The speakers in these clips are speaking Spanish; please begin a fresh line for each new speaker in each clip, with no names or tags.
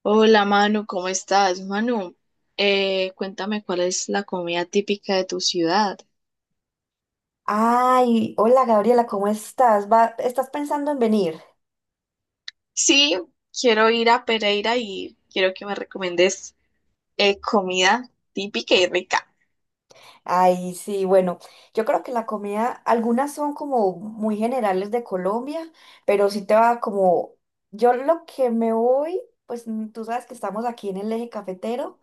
Hola, Manu, ¿cómo estás? Manu, cuéntame cuál es la comida típica de tu ciudad.
Ay, hola Gabriela, ¿cómo estás? ¿Estás pensando en venir?
Sí, quiero ir a Pereira y quiero que me recomiendes comida típica y rica.
Ay, sí, bueno, yo creo que la comida, algunas son como muy generales de Colombia, pero sí te va como, yo lo que me voy, pues tú sabes que estamos aquí en el eje cafetero,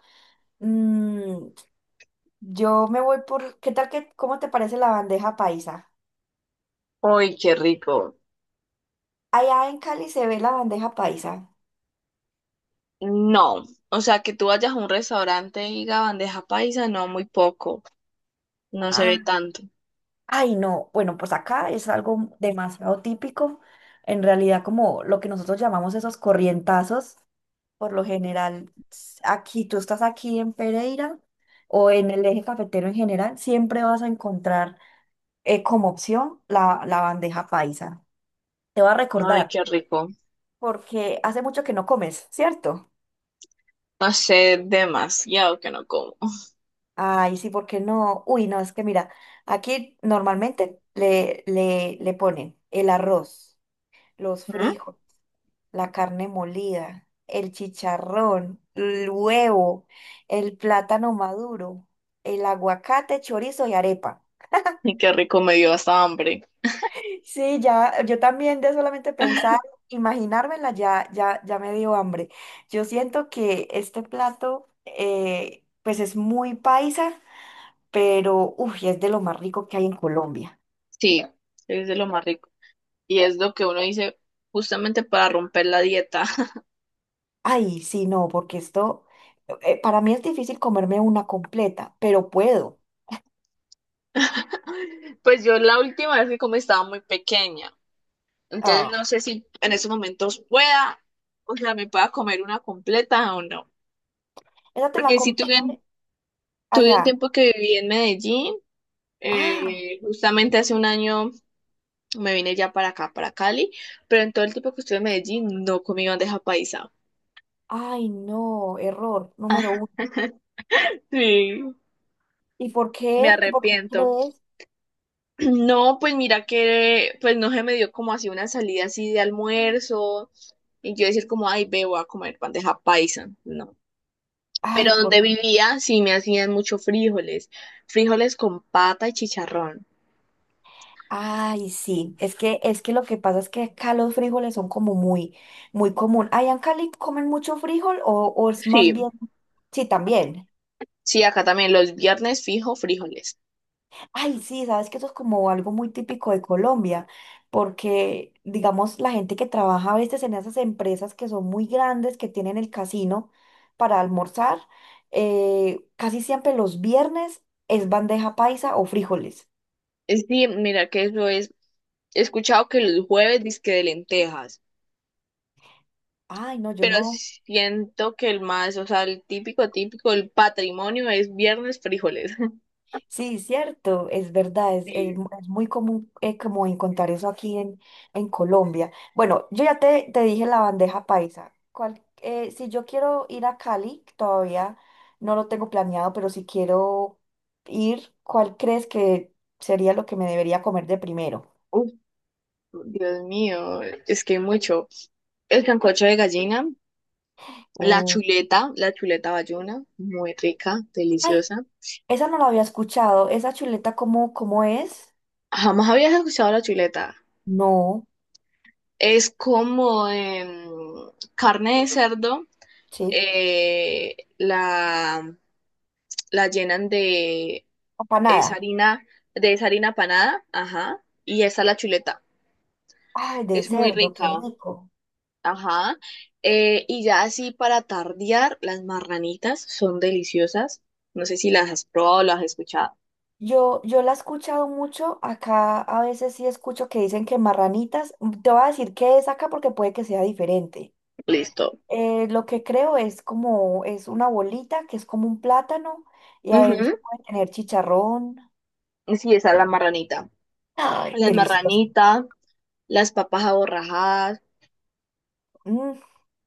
mm, yo me voy por, ¿qué tal que, cómo te parece la bandeja paisa?
¡Ay, qué rico!
Allá en Cali se ve la bandeja paisa.
No, o sea, que tú vayas a un restaurante y diga bandeja paisa, no, muy poco, no se ve tanto.
Ay, no, bueno, pues acá es algo demasiado típico. En realidad, como lo que nosotros llamamos esos corrientazos, por lo general, aquí tú estás aquí en Pereira o en el eje cafetero en general, siempre vas a encontrar como opción la bandeja paisa. Te va a
Ay,
recordar,
qué rico.
porque hace mucho que no comes, ¿cierto?
No sé, demasiado que no como.
Ay, sí, ¿por qué no? Uy, no, es que mira, aquí normalmente le ponen el arroz, los
¿Mm?
frijoles, la carne molida, el chicharrón, el huevo, el plátano maduro, el aguacate, chorizo y arepa.
Y qué rico, me dio hasta hambre.
Sí, ya, yo también de solamente pensar, imaginármela, ya me dio hambre. Yo siento que este plato, pues es muy paisa, pero uff, es de lo más rico que hay en Colombia.
Sí, es de lo más rico. Y es lo que uno dice justamente para romper la dieta.
Ay, sí, no, porque esto, para mí es difícil comerme una completa, pero puedo.
Pues yo la última vez que comí estaba muy pequeña. Entonces
Ah,
no sé si en estos momentos pueda, o sea, me pueda comer una completa o no.
esa te la
Porque sí
comiste
tuve, tuve un
allá.
tiempo que viví en Medellín.
Ah,
Justamente hace un año me vine ya para acá, para Cali. Pero en todo el tiempo que estuve en Medellín no comí bandeja paisa.
ay, no, error número uno.
Sí,
¿Y por
me
qué? ¿Por qué
arrepiento.
crees?
No, pues mira que pues no se me dio como así una salida así de almuerzo y yo decir como, ay, ve, voy a comer bandeja paisa, no.
Ay,
Pero
¿por
donde
qué?
vivía sí me hacían mucho frijoles, frijoles con pata y chicharrón.
Ay, sí, es que lo que pasa es que acá los frijoles son como muy, muy común. ¿Allá en Cali comen mucho frijol o es más
Sí,
bien? Sí, también.
sí, acá también los viernes fijo frijoles.
Ay, sí, sabes que eso es como algo muy típico de Colombia, porque digamos la gente que trabaja a veces en esas empresas que son muy grandes, que tienen el casino para almorzar, casi siempre los viernes es bandeja paisa o frijoles.
Es sí, mira que eso es, he escuchado que los jueves disque de lentejas,
Ay, no, yo
pero
no.
siento que el más, o sea, el típico, típico, el patrimonio es viernes frijoles.
Sí, cierto, es verdad, es,
Sí.
es muy común, como encontrar eso aquí en Colombia. Bueno, yo ya te dije la bandeja paisa. Si yo quiero ir a Cali, todavía no lo tengo planeado, pero si quiero ir, ¿cuál crees que sería lo que me debería comer de primero?
Dios mío, es que hay mucho. El sancocho de gallina,
Uh,
la chuleta bayuna, muy rica,
Ay,
deliciosa.
esa no la había escuchado. ¿Esa chuleta cómo, cómo es?
Jamás habías escuchado la chuleta.
No,
Es como carne de cerdo,
sí,
eh, la, la llenan esa
empanada.
harina, de esa harina panada, ajá, y esa es la chuleta.
Ay, de
Es muy
cerdo, qué
rica.
rico.
Ajá. Y ya así para tardear, las marranitas son deliciosas. No sé si las has probado o las has escuchado.
Yo la he escuchado mucho, acá a veces sí escucho que dicen que marranitas, mm, te voy a decir qué es acá porque puede que sea diferente.
Listo.
Lo que creo es como, es una bolita que es como un plátano y
Ujú.
adentro puede tener chicharrón.
Sí, esa es la marranita.
Ay,
Las
delicioso.
marranitas, las papas aborrajadas.
Mm,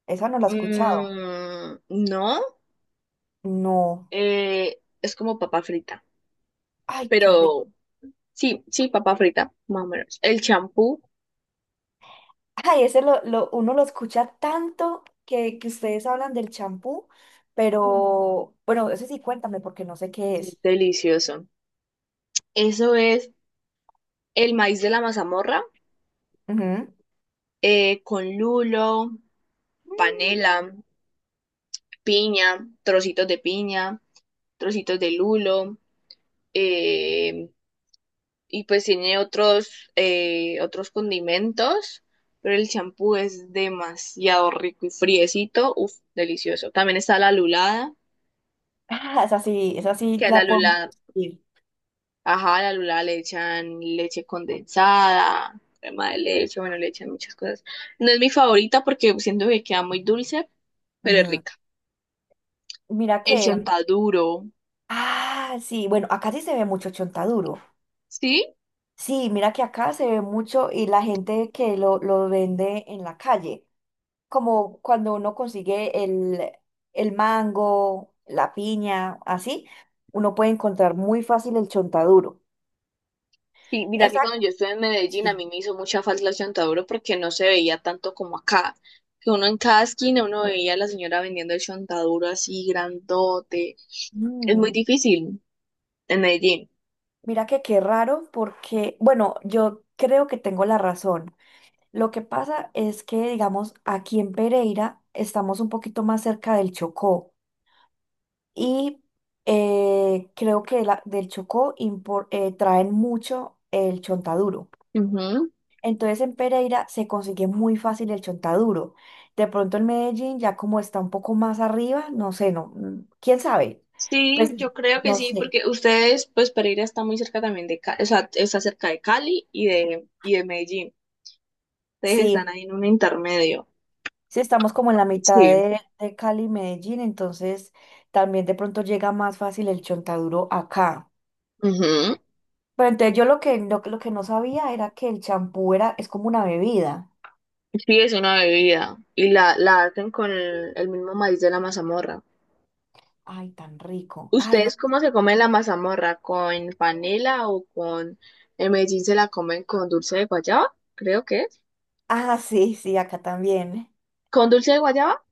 esa no la he escuchado.
Mm, no,
No.
es como papa frita.
Ay, qué rico.
Pero sí, sí, papa frita, más o menos. El champú,
Ay, ese uno lo escucha tanto que ustedes hablan del champú,
mm,
pero bueno, ese sí cuéntame porque no sé qué
es
es.
delicioso. Eso es el maíz de la mazamorra con lulo,
Ujú.
panela, piña, trocitos de lulo, eh, y pues tiene otros, otros condimentos, pero el champú es demasiado rico y friecito, uff, delicioso. También está la lulada,
Ah, esa sí
que a la
la podemos
lulada,
ir.
ajá, a la lulada le echan leche condensada, crema de leche, bueno, le echan muchas cosas. No es mi favorita porque siento que queda muy dulce, pero es rica.
Mira
El
que,
chontaduro,
ah, sí, bueno, acá sí se ve mucho chontaduro.
¿sí?
Sí, mira que acá se ve mucho y la gente que lo vende en la calle, como cuando uno consigue el mango, la piña, así, uno puede encontrar muy fácil el chontaduro.
Sí, mira
O
que
sea,
cuando yo estuve en Medellín a
sí.
mí me hizo mucha falta la chontaduro porque no se veía tanto como acá. Que uno en cada esquina uno veía a la señora vendiendo el chontaduro así grandote. Es muy
Mm,
difícil en Medellín.
mira que qué raro porque, bueno, yo creo que tengo la razón. Lo que pasa es que, digamos, aquí en Pereira estamos un poquito más cerca del Chocó y creo que traen mucho el chontaduro.
Ujú.
Entonces en Pereira se consigue muy fácil el chontaduro. De pronto en Medellín, ya como está un poco más arriba, no sé, no, mm, quién sabe.
Sí,
Pues
yo creo que
no
sí,
sé.
porque ustedes, pues Pereira está muy cerca también de Cali, o sea, está cerca de Cali y de Medellín. Ustedes están
Sí,
ahí en un intermedio.
sí estamos como en la mitad
Sí.
de Cali y Medellín, entonces también de pronto llega más fácil el chontaduro acá.
Ujú.
Pero entonces yo lo que, lo que no sabía era que el champú era, es como una bebida.
Sí, es una bebida. Y la hacen con el mismo maíz de la mazamorra.
Ay, tan rico. Ay, no.
¿Ustedes cómo se comen la mazamorra? ¿Con panela o con... En Medellín se la comen con dulce de guayaba, creo que es.
Ah, sí, sí, acá también.
¿Con dulce de guayaba?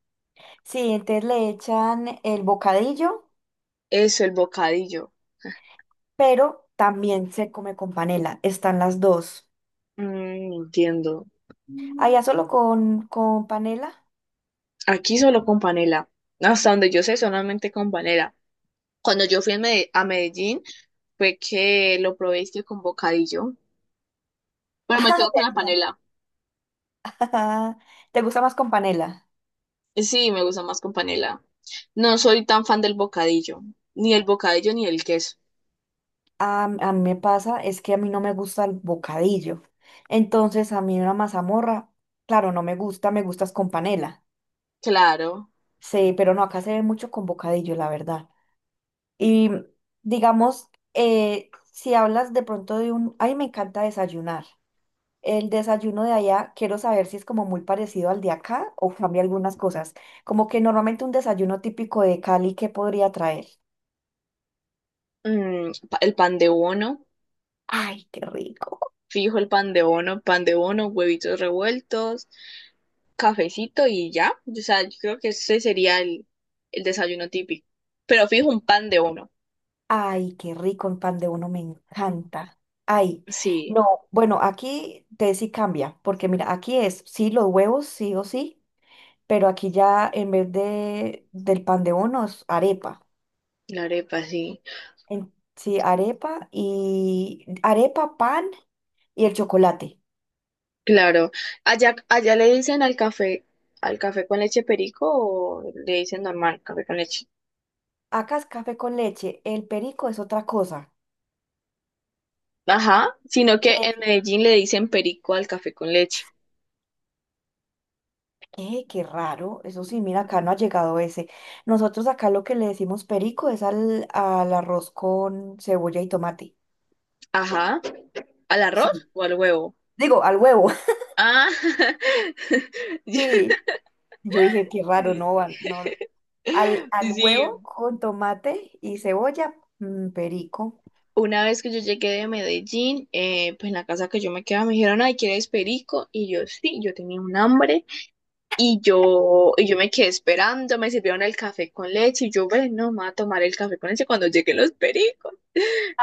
Sí, entonces le echan el bocadillo,
Eso, el bocadillo.
pero también se come con panela. Están las dos.
Mm, entiendo.
Allá solo con panela.
Aquí solo con panela. Hasta donde yo sé, solamente con panela. Cuando yo fui a a Medellín, fue que lo probé es que con bocadillo. Pero me quedo con la
Ah,
panela.
¿verdad? ¿Te gusta más con panela?
Sí, me gusta más con panela. No soy tan fan del bocadillo. Ni el bocadillo ni el queso.
A mí me pasa, es que a mí no me gusta el bocadillo. Entonces, a mí una mazamorra, claro, no me gusta, me gustas con panela.
Claro.
Sí, pero no, acá se ve mucho con bocadillo, la verdad. Y mm, digamos, si hablas de pronto de un, ay, me encanta desayunar. El desayuno de allá, quiero saber si es como muy parecido al de acá o cambia algunas cosas. Como que normalmente un desayuno típico de Cali, ¿qué podría traer?
El pan de bono,
Ay, qué rico.
fijo el pan de bono, huevitos revueltos, cafecito y ya. O sea, yo creo que ese sería el desayuno típico. Pero fijo un pan de bono.
Ay, qué rico, un pan de uno me
Mm.
encanta. Ay,
Sí,
no, bueno, aquí te sí cambia, porque mira, aquí es sí los huevos, sí o sí, pero aquí ya en vez de del pan de bonos, arepa.
la arepa, sí.
Sí, arepa y arepa, pan y el chocolate.
Claro. Allá, allá le dicen al café con leche perico, o le dicen normal, café con leche.
Acá es café con leche, el perico es otra cosa.
Ajá, sino que en
¿Qué?
Medellín le dicen perico al café con leche.
¿Qué? Qué raro. Eso sí, mira, acá no ha llegado ese. Nosotros acá lo que le decimos perico es al, al arroz con cebolla y tomate.
Ajá, ¿al arroz
Sí.
o al huevo?
Digo, al huevo.
Ah, yo,
Sí. Yo dije, qué raro,
sí,
no, no. Al
sí.
huevo con tomate y cebolla, mm, perico.
Una vez que yo llegué de Medellín, pues en la casa que yo me quedaba me dijeron, ay, ¿quieres perico? Y yo sí, yo tenía un hambre, y yo me quedé esperando, me sirvieron el café con leche y yo, bueno, me voy a tomar el café con leche cuando lleguen los pericos.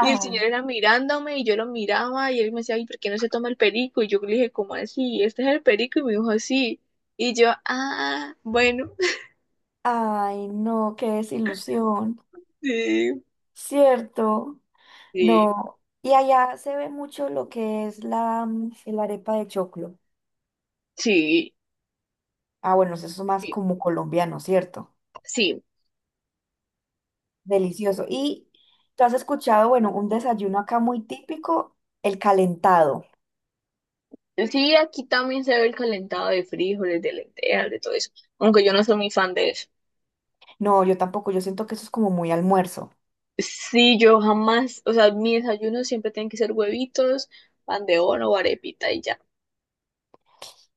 Y el señor era mirándome y yo lo miraba y él me decía, ay, ¿por qué no se toma el perico? Y yo le dije, ¿cómo así? ¿Este es el perico? Y me dijo, sí. Y yo, ah, bueno,
ay, no, qué desilusión,
sí,
¿cierto?
sí,
No, y allá se ve mucho lo que es la, mm, el arepa de choclo.
sí,
Ah, bueno, eso es más
sí.
como colombiano, ¿cierto?
Sí.
Delicioso. Y tú has escuchado, bueno, un desayuno acá muy típico, el calentado.
Sí, aquí también se ve el calentado de frijoles, de lentejas, de todo eso. Aunque yo no soy muy fan de eso.
No, yo tampoco, yo siento que eso es como muy almuerzo.
Sí, yo jamás, o sea, mi desayuno siempre tienen que ser huevitos, pan de bono o arepita y ya.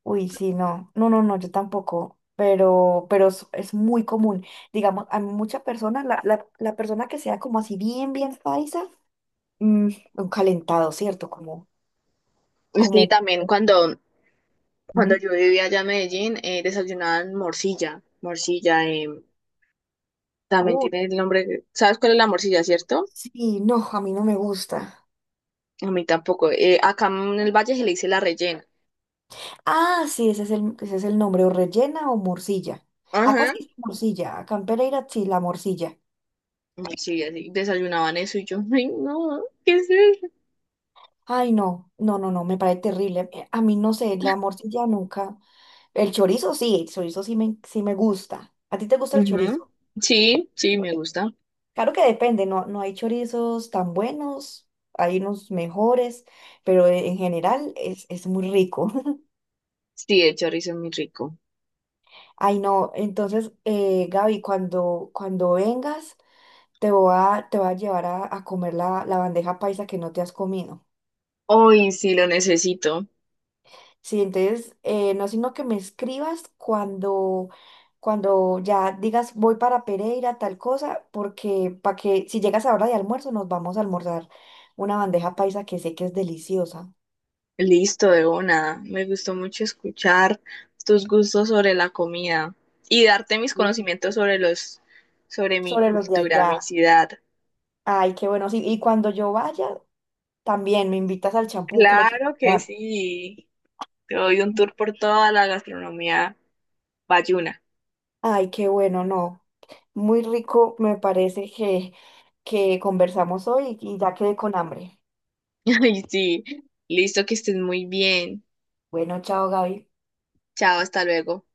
Uy, sí, no, no, no, no, yo tampoco. Pero es muy común. Digamos, a muchas personas, la persona que sea como así bien, bien paisa, mm, un calentado, ¿cierto? Como,
Sí,
como,
también cuando, cuando
ujú,
yo vivía allá en Medellín, desayunaban morcilla. Morcilla, también
uh,
tiene el nombre. ¿Sabes cuál es la morcilla, cierto?
sí, no, a mí no me gusta.
A mí tampoco. Acá en el valle se le dice la rellena.
Ah, sí, ese es el nombre, o rellena o morcilla. Acá
Ajá.
sí dice morcilla, acá en Pereira sí, la morcilla.
Sí, así desayunaban eso y yo, ay, no, ¿qué es eso?
Ay, no, no, no, no, me parece terrible. A mí no sé, la morcilla nunca. El chorizo sí me gusta. ¿A ti te gusta el
Ujú.
chorizo?
Sí, sí, me gusta.
Claro que depende, no, no hay chorizos tan buenos, hay unos mejores, pero en general es muy rico.
Sí, el chorizo es muy rico.
Ay, no, entonces, Gaby, cuando, cuando vengas, te voy a llevar a comer la, la bandeja paisa que no te has comido.
Hoy sí lo necesito.
Sí, entonces, no, sino que me escribas cuando, cuando ya digas voy para Pereira, tal cosa, porque para que si llegas a hora de almuerzo, nos vamos a almorzar una bandeja paisa que sé que es deliciosa.
Listo, de una. Me gustó mucho escuchar tus gustos sobre la comida y darte mis
Mm.
conocimientos sobre los, sobre mi
Sobre los de
cultura, mi
allá.
ciudad.
Ay, qué bueno. Sí, y cuando yo vaya, también me invitas al champú que lo quiero
Claro que
probar.
sí. Te doy un tour por toda la gastronomía bayuna.
Ay, qué bueno, no. Muy rico me parece que conversamos hoy y ya quedé con hambre.
Ay, sí. Listo, que estés muy bien.
Bueno, chao, Gaby.
Chao, hasta luego.